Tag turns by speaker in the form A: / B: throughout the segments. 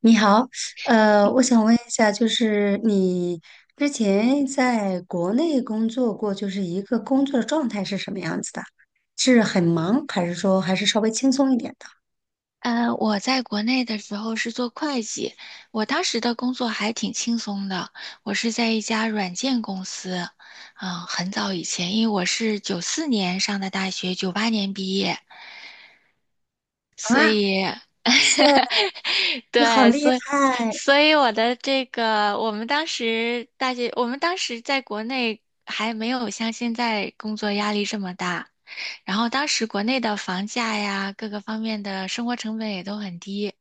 A: 你好，我想问一下，就是你之前在国内工作过，就是一个工作状态是什么样子的？是很忙，还是说还是稍微轻松一点的？
B: 我在国内的时候是做会计，我当时的工作还挺轻松的。我是在一家软件公司，很早以前，因为我是94年上的大学，98年毕业，所
A: 啊，哇
B: 以，
A: 塞，你好
B: 对，
A: 厉
B: 所以，
A: 害！
B: 所以我的这个，我们当时大学，我们当时在国内还没有像现在工作压力这么大，然后当时国内的房价呀，各个方面的生活成本也都很低，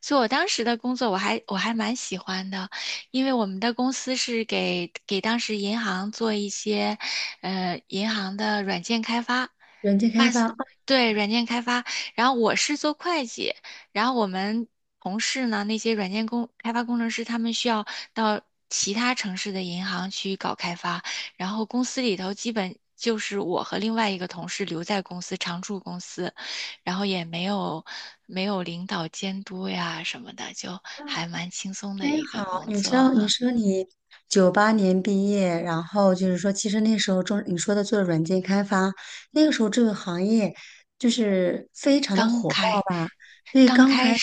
B: 所以我当时的工作我还蛮喜欢的，因为我们的公司是给当时银行做一些，银行的软件开发。
A: 软件开发啊，
B: 对，软件开发，然后我是做会计，然后我们同事呢，那些软件工开发工程师，他们需要到其他城市的银行去搞开发，然后公司里头基本就是我和另外一个同事留在公司常驻公司，然后也没有没有领导监督呀什么的，就还蛮轻松的
A: 真
B: 一个
A: 好。
B: 工
A: 你
B: 作
A: 知道，你
B: 啊。
A: 说你九八年毕业，然后就是说，其实那时候中你说的做软件开发，那个时候这个行业就是非常的
B: 刚
A: 火爆
B: 开
A: 吧？对，
B: 刚
A: 刚
B: 开
A: 开特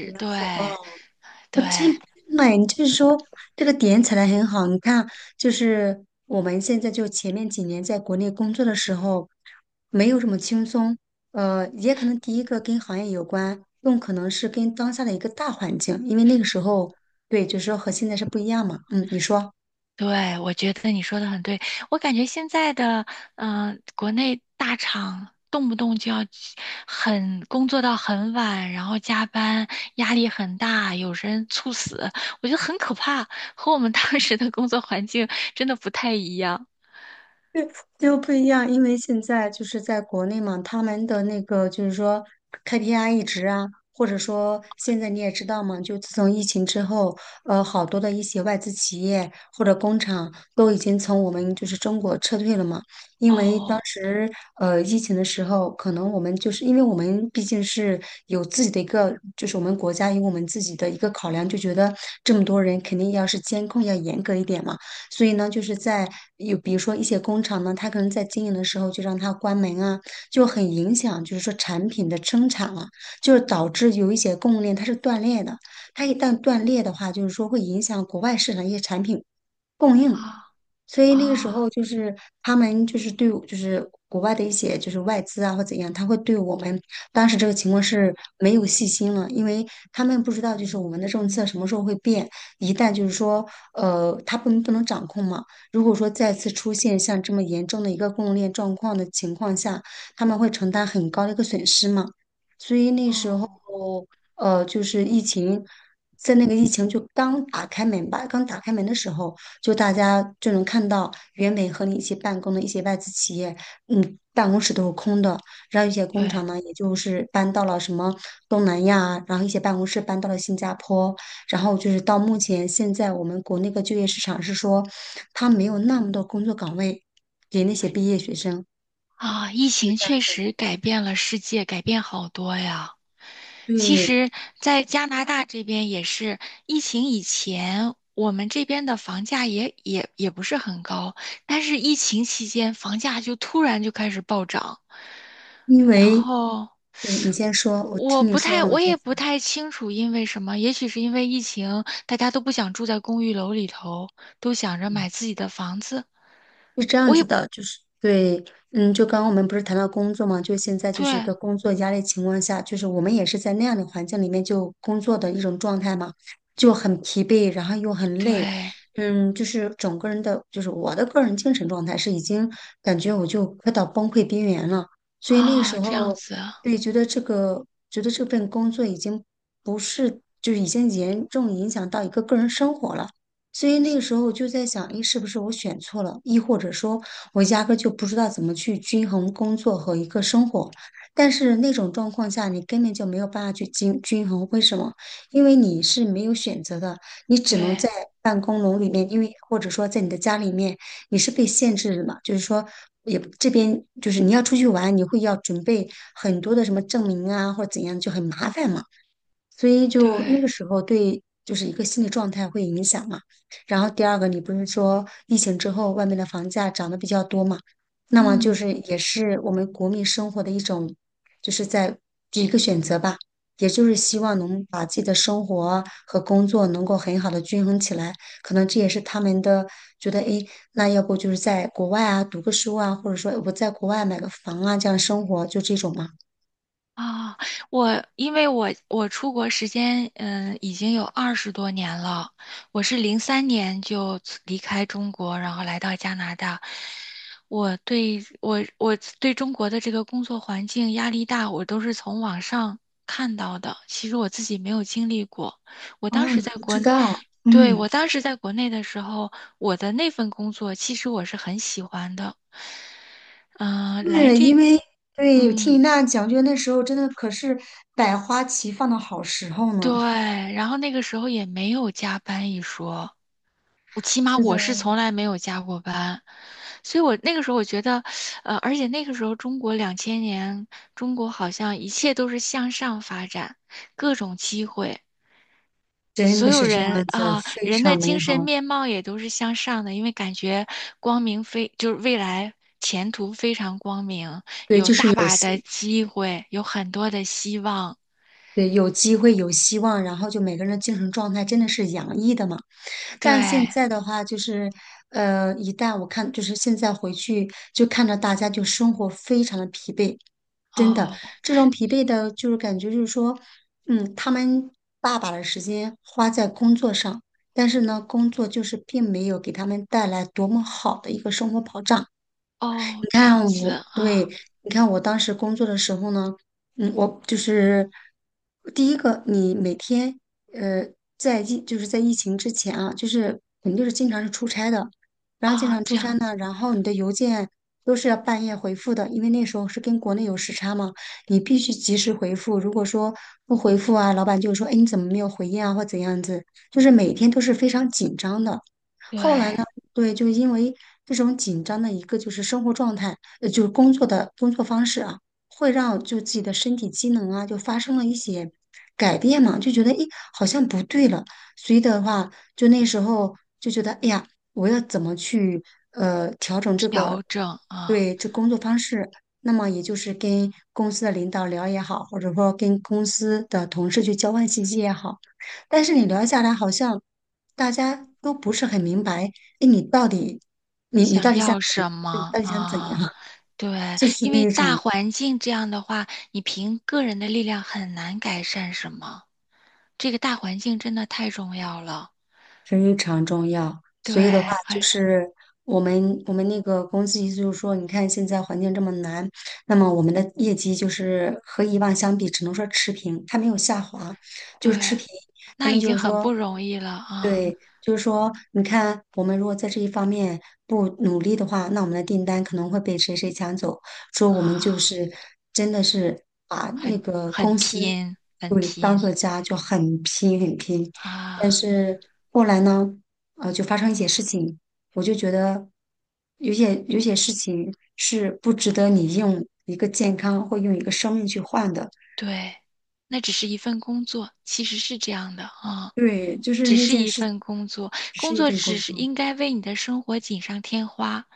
A: 别
B: 对
A: 火爆。
B: 对。
A: 那你就是说这个点踩的很好。你看，就是我们现在就前面几年在国内工作的时候，没有这么轻松。也可能第一个跟行业有关，更可能是跟当下的一个大环境，因为那个时候，对，就是说和现在是不一样嘛。嗯，你说。
B: 对，我觉得你说的很对。我感觉现在的，国内大厂动不动就要很工作到很晚，然后加班，压力很大，有人猝死，我觉得很可怕，和我们当时的工作环境 真的不太一样。
A: 就不一样，因为现在就是在国内嘛，他们的那个就是说 KPI 一直啊，或者说现在你也知道嘛，就自从疫情之后，好多的一些外资企业或者工厂都已经从我们就是中国撤退了嘛，因为当
B: 哦，
A: 时疫情的时候，可能我们就是因为我们毕竟是有自己的一个，就是我们国家有我们自己的一个考量，就觉得这么多人肯定要是监控要严格一点嘛。所以呢，就是在有比如说一些工厂呢，它可能在经营的时候就让它关门啊，就很影响，就是说产品的生产了、就是导致有一些供应链它是断裂的。它一旦断裂的话，就是说会影响国外市场一些产品供
B: 啊
A: 应。所以那个时候
B: 啊
A: 就是他们就是对我就是国外的一些就是外资啊或怎样，他会对我们当时这个情况是没有信心了，因为他们不知道就是我们的政策什么时候会变，一旦就是说他不能掌控嘛，如果说再次出现像这么严重的一个供应链状况的情况下，他们会承担很高的一个损失嘛，所以那时候
B: 哦，
A: 就是疫情。在那个疫情就刚打开门吧，刚打开门的时候，就大家就能看到原本和你一起办公的一些外资企业，办公室都是空的，然后一些工
B: 对
A: 厂呢，也就是搬到了什么东南亚啊，然后一些办公室搬到了新加坡，然后就是到目前现在我们国内的就业市场是说，他没有那么多工作岗位给那些毕业学生，
B: 啊，疫
A: 就
B: 情
A: 这样
B: 确
A: 子。
B: 实改变了世界，改变好多呀。其
A: 对，
B: 实，在加拿大这边也是疫情以前，我们这边的房价也不是很高，但是疫情期间房价就突然就开始暴涨，
A: 因
B: 然
A: 为
B: 后
A: 对你先说，我听你说完我
B: 我
A: 再
B: 也不
A: 讲
B: 太清楚因为什么，也许是因为疫情，大家都不想住在公寓楼里头，都想着买自己的房子。
A: 是这样
B: 我
A: 子
B: 也
A: 的，就是对，就刚刚我们不是谈到工作嘛，就现在就是一
B: 对
A: 个工作压力情况下，就是我们也是在那样的环境里面就工作的一种状态嘛，就很疲惫，然后又很累，
B: 对
A: 就是整个人的，就是我的个人精神状态是已经感觉我就快到崩溃边缘了，所以那个时
B: 啊，这样
A: 候，
B: 子，
A: 对，觉得这个，觉得这份工作已经不是，就是已经严重影响到一个个人生活了。所以那个时候我就在想，诶，是不是我选错了？亦或者说，我压根儿就不知道怎么去均衡工作和一个生活。但是那种状况下，你根本就没有办法去均衡。为什么？因为你是没有选择的，你只能
B: 对
A: 在办公楼里面，因为或者说在你的家里面，你是被限制的嘛。就是说，也这边就是你要出去玩，你会要准备很多的什么证明啊，或者怎样，就很麻烦嘛。所以
B: 对，
A: 就那个时候对，就是一个心理状态会影响嘛。然后第二个，你不是说疫情之后外面的房价涨得比较多嘛？那么就
B: 嗯。
A: 是也是我们国民生活的一种，就是在一个选择吧，也就是希望能把自己的生活和工作能够很好的均衡起来。可能这也是他们的觉得，诶，那要不就是在国外啊读个书啊，或者说我在国外买个房啊，这样生活就这种嘛。
B: 啊，我因为我出国时间已经有20多年了，我是03年离开中国，然后来到加拿大。我对中国的这个工作环境压力大，我都是从网上看到的，其实我自己没有经历过。我当
A: 啊，
B: 时
A: 你
B: 在
A: 不知
B: 国，
A: 道，
B: 对，
A: 嗯。
B: 我当时在国内的时候，我的那份工作其实我是很喜欢的。嗯、来
A: 是
B: 这，
A: 因为对，听你
B: 嗯。
A: 那样讲，就那时候真的可是百花齐放的好时候呢。
B: 对，然后那个时候也没有加班一说，我起码
A: 是的，
B: 我是从来没有加过班，所以我觉得，而且那个时候中国2000年，中国好像一切都是向上发展，各种机会，
A: 真
B: 所
A: 的
B: 有
A: 是这样
B: 人
A: 子，
B: 啊，
A: 非
B: 人的
A: 常美
B: 精神
A: 好。
B: 面貌也都是向上的，因为感觉光明非，就是未来前途非常光明，
A: 对，
B: 有
A: 就是
B: 大
A: 有
B: 把
A: 希，
B: 的机会，有很多的希望，
A: 对，有机会，有希望，然后就每个人的精神状态真的是洋溢的嘛。但现
B: 对。
A: 在的话，就是一旦我看，就是现在回去就看到大家就生活非常的疲惫，真的，
B: 哦，
A: 这种疲惫的，就是感觉就是说，他们大把的时间花在工作上，但是呢，工作就是并没有给他们带来多么好的一个生活保障。
B: 哦，
A: 你
B: 这
A: 看
B: 样
A: 我，
B: 子
A: 对，
B: 啊
A: 你看我当时工作的时候呢，我就是第一个，你每天呃，就是在疫情之前啊，就是肯定就是经常是出差的，然后经
B: 啊，
A: 常出
B: 这
A: 差
B: 样子，
A: 呢，然后你的邮件都是要半夜回复的，因为那时候是跟国内有时差嘛，你必须及时回复。如果说不回复啊，老板就说，哎，你怎么没有回应啊，或怎样子，就是每天都是非常紧张的。
B: 对，
A: 对，就因为这种紧张的一个就是生活状态，就是工作的工作方式啊，会让就自己的身体机能啊，就发生了一些改变嘛，就觉得诶，好像不对了。所以的话，就那时候就觉得，哎呀，我要怎么去调整这个
B: 调整啊，
A: 那么也就是跟公司的领导聊也好，或者说跟公司的同事去交换信息也好，但是你聊下来，好像大家都不是很明白，哎，你到底，你到
B: 想
A: 底想
B: 要
A: 怎
B: 什
A: 样？你
B: 么
A: 到底想怎样
B: 啊？
A: 啊？
B: 对，
A: 这是
B: 因为
A: 那
B: 大
A: 种
B: 环境这样的话，你凭个人的力量很难改善什么。这个大环境真的太重要了，
A: 非常重要。
B: 对，
A: 所以的话，就
B: 很
A: 是我们那个公司意思就是说，你看现在环境这么难，那么我们的业绩就是和以往相比，只能说持平，它没有下滑，就是持
B: 对，
A: 平。他
B: 那
A: 们
B: 已
A: 就
B: 经
A: 是
B: 很
A: 说，
B: 不容易了啊
A: 对，就是说，你看，我们如果在这一方面不努力的话，那我们的订单可能会被谁谁抢走。说我们就
B: 啊，
A: 是真的是把那
B: 很
A: 个公司
B: 很
A: 对当
B: 拼
A: 做家，就很拼很拼。但
B: 啊。
A: 是后来呢，就发生一些事情，我就觉得有些事情是不值得你用一个健康或用一个生命去换的。
B: 对，那只是一份工作，其实是这样的啊，
A: 对，就是
B: 只
A: 那
B: 是
A: 件
B: 一
A: 事，
B: 份工作，
A: 只是
B: 工
A: 一
B: 作
A: 份
B: 只
A: 工
B: 是
A: 作。
B: 应该为你的生活锦上添花，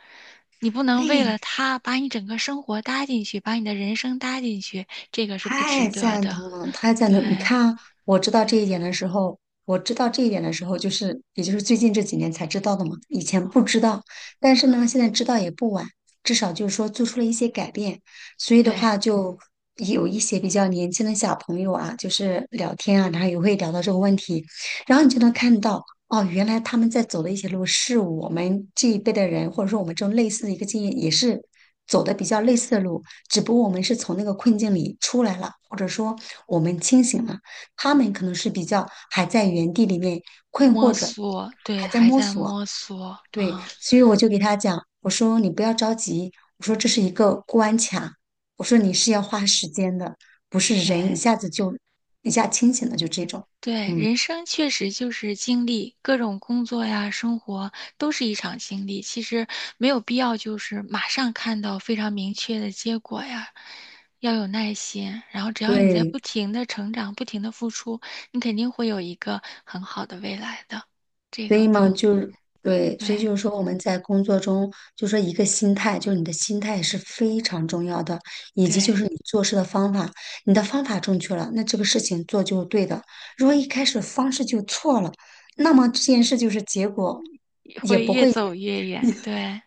B: 你不能为了 他把你整个生活搭进去，把你的人生搭进去，这个是不值
A: 太
B: 得
A: 赞
B: 的。
A: 同了，太赞同！你
B: 对
A: 看，我知道这一点的时候，我知道这一点的时候，就是也就是最近这几年才知道的嘛，以前不知道。但是呢，现在知道也不晚，至少就是说做出了一些改变。所以的
B: 对，
A: 话，就有一些比较年轻的小朋友啊，就是聊天啊，然后也会聊到这个问题，然后你就能看到。哦，原来他们在走的一些路是我们这一辈的人，或者说我们这种类似的一个经验，也是走的比较类似的路，只不过我们是从那个困境里出来了，或者说我们清醒了，他们可能是比较还在原地里面困
B: 摸
A: 惑着，
B: 索，对，
A: 还在
B: 还
A: 摸
B: 在
A: 索。
B: 摸索
A: 对，
B: 啊，
A: 所以我就给他讲，我说你不要着急，我说这是一个关卡，我说你是要花时间的，不是人一
B: 对。
A: 下子就一下清醒了，就这种，
B: 对，
A: 嗯，
B: 人生确实就是经历，各种工作呀、生活都是一场经历。其实没有必要就是马上看到非常明确的结果呀，要有耐心。然后只要你在
A: 对，
B: 不停的成长、不停的付出，你肯定会有一个很好的未来的。这
A: 所
B: 个
A: 以
B: 不
A: 嘛，
B: 用，
A: 就是对，
B: 对
A: 所以就是说我们在工作中，就说一个心态，就是你的心态是非常重要的，以及
B: 对，
A: 就是你做事的方法，你的方法正确了，那这个事情做就是对的。如果一开始方式就错了，那么这件事就是结果也
B: 会
A: 不
B: 越
A: 会。
B: 走越远。对，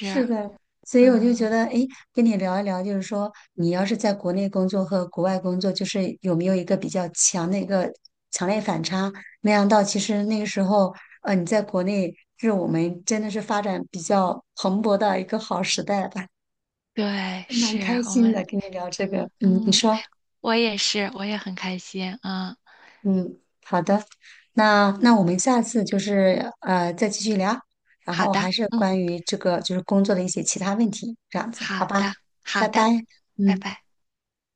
A: 是的，所以我就觉
B: 嗯，
A: 得，哎，跟你聊一聊，就是说，你要是在国内工作和国外工作，就是有没有一个比较强的一个强烈反差？没想到，其实那个时候，你在国内是我们真的是发展比较蓬勃的一个好时代吧，
B: 对，
A: 蛮
B: 是
A: 开
B: 我
A: 心
B: 们，
A: 的，跟你聊这个。嗯，你
B: 嗯，
A: 说。
B: 我也是，我也很开心。嗯，
A: 嗯，好的，那我们下次就是再继续聊，然
B: 好
A: 后还
B: 的。
A: 是
B: 嗯。
A: 关于这个就是工作的一些其他问题，这样子，
B: 好
A: 好吧？
B: 的，
A: 拜
B: 好
A: 拜，
B: 的，拜
A: 嗯。
B: 拜。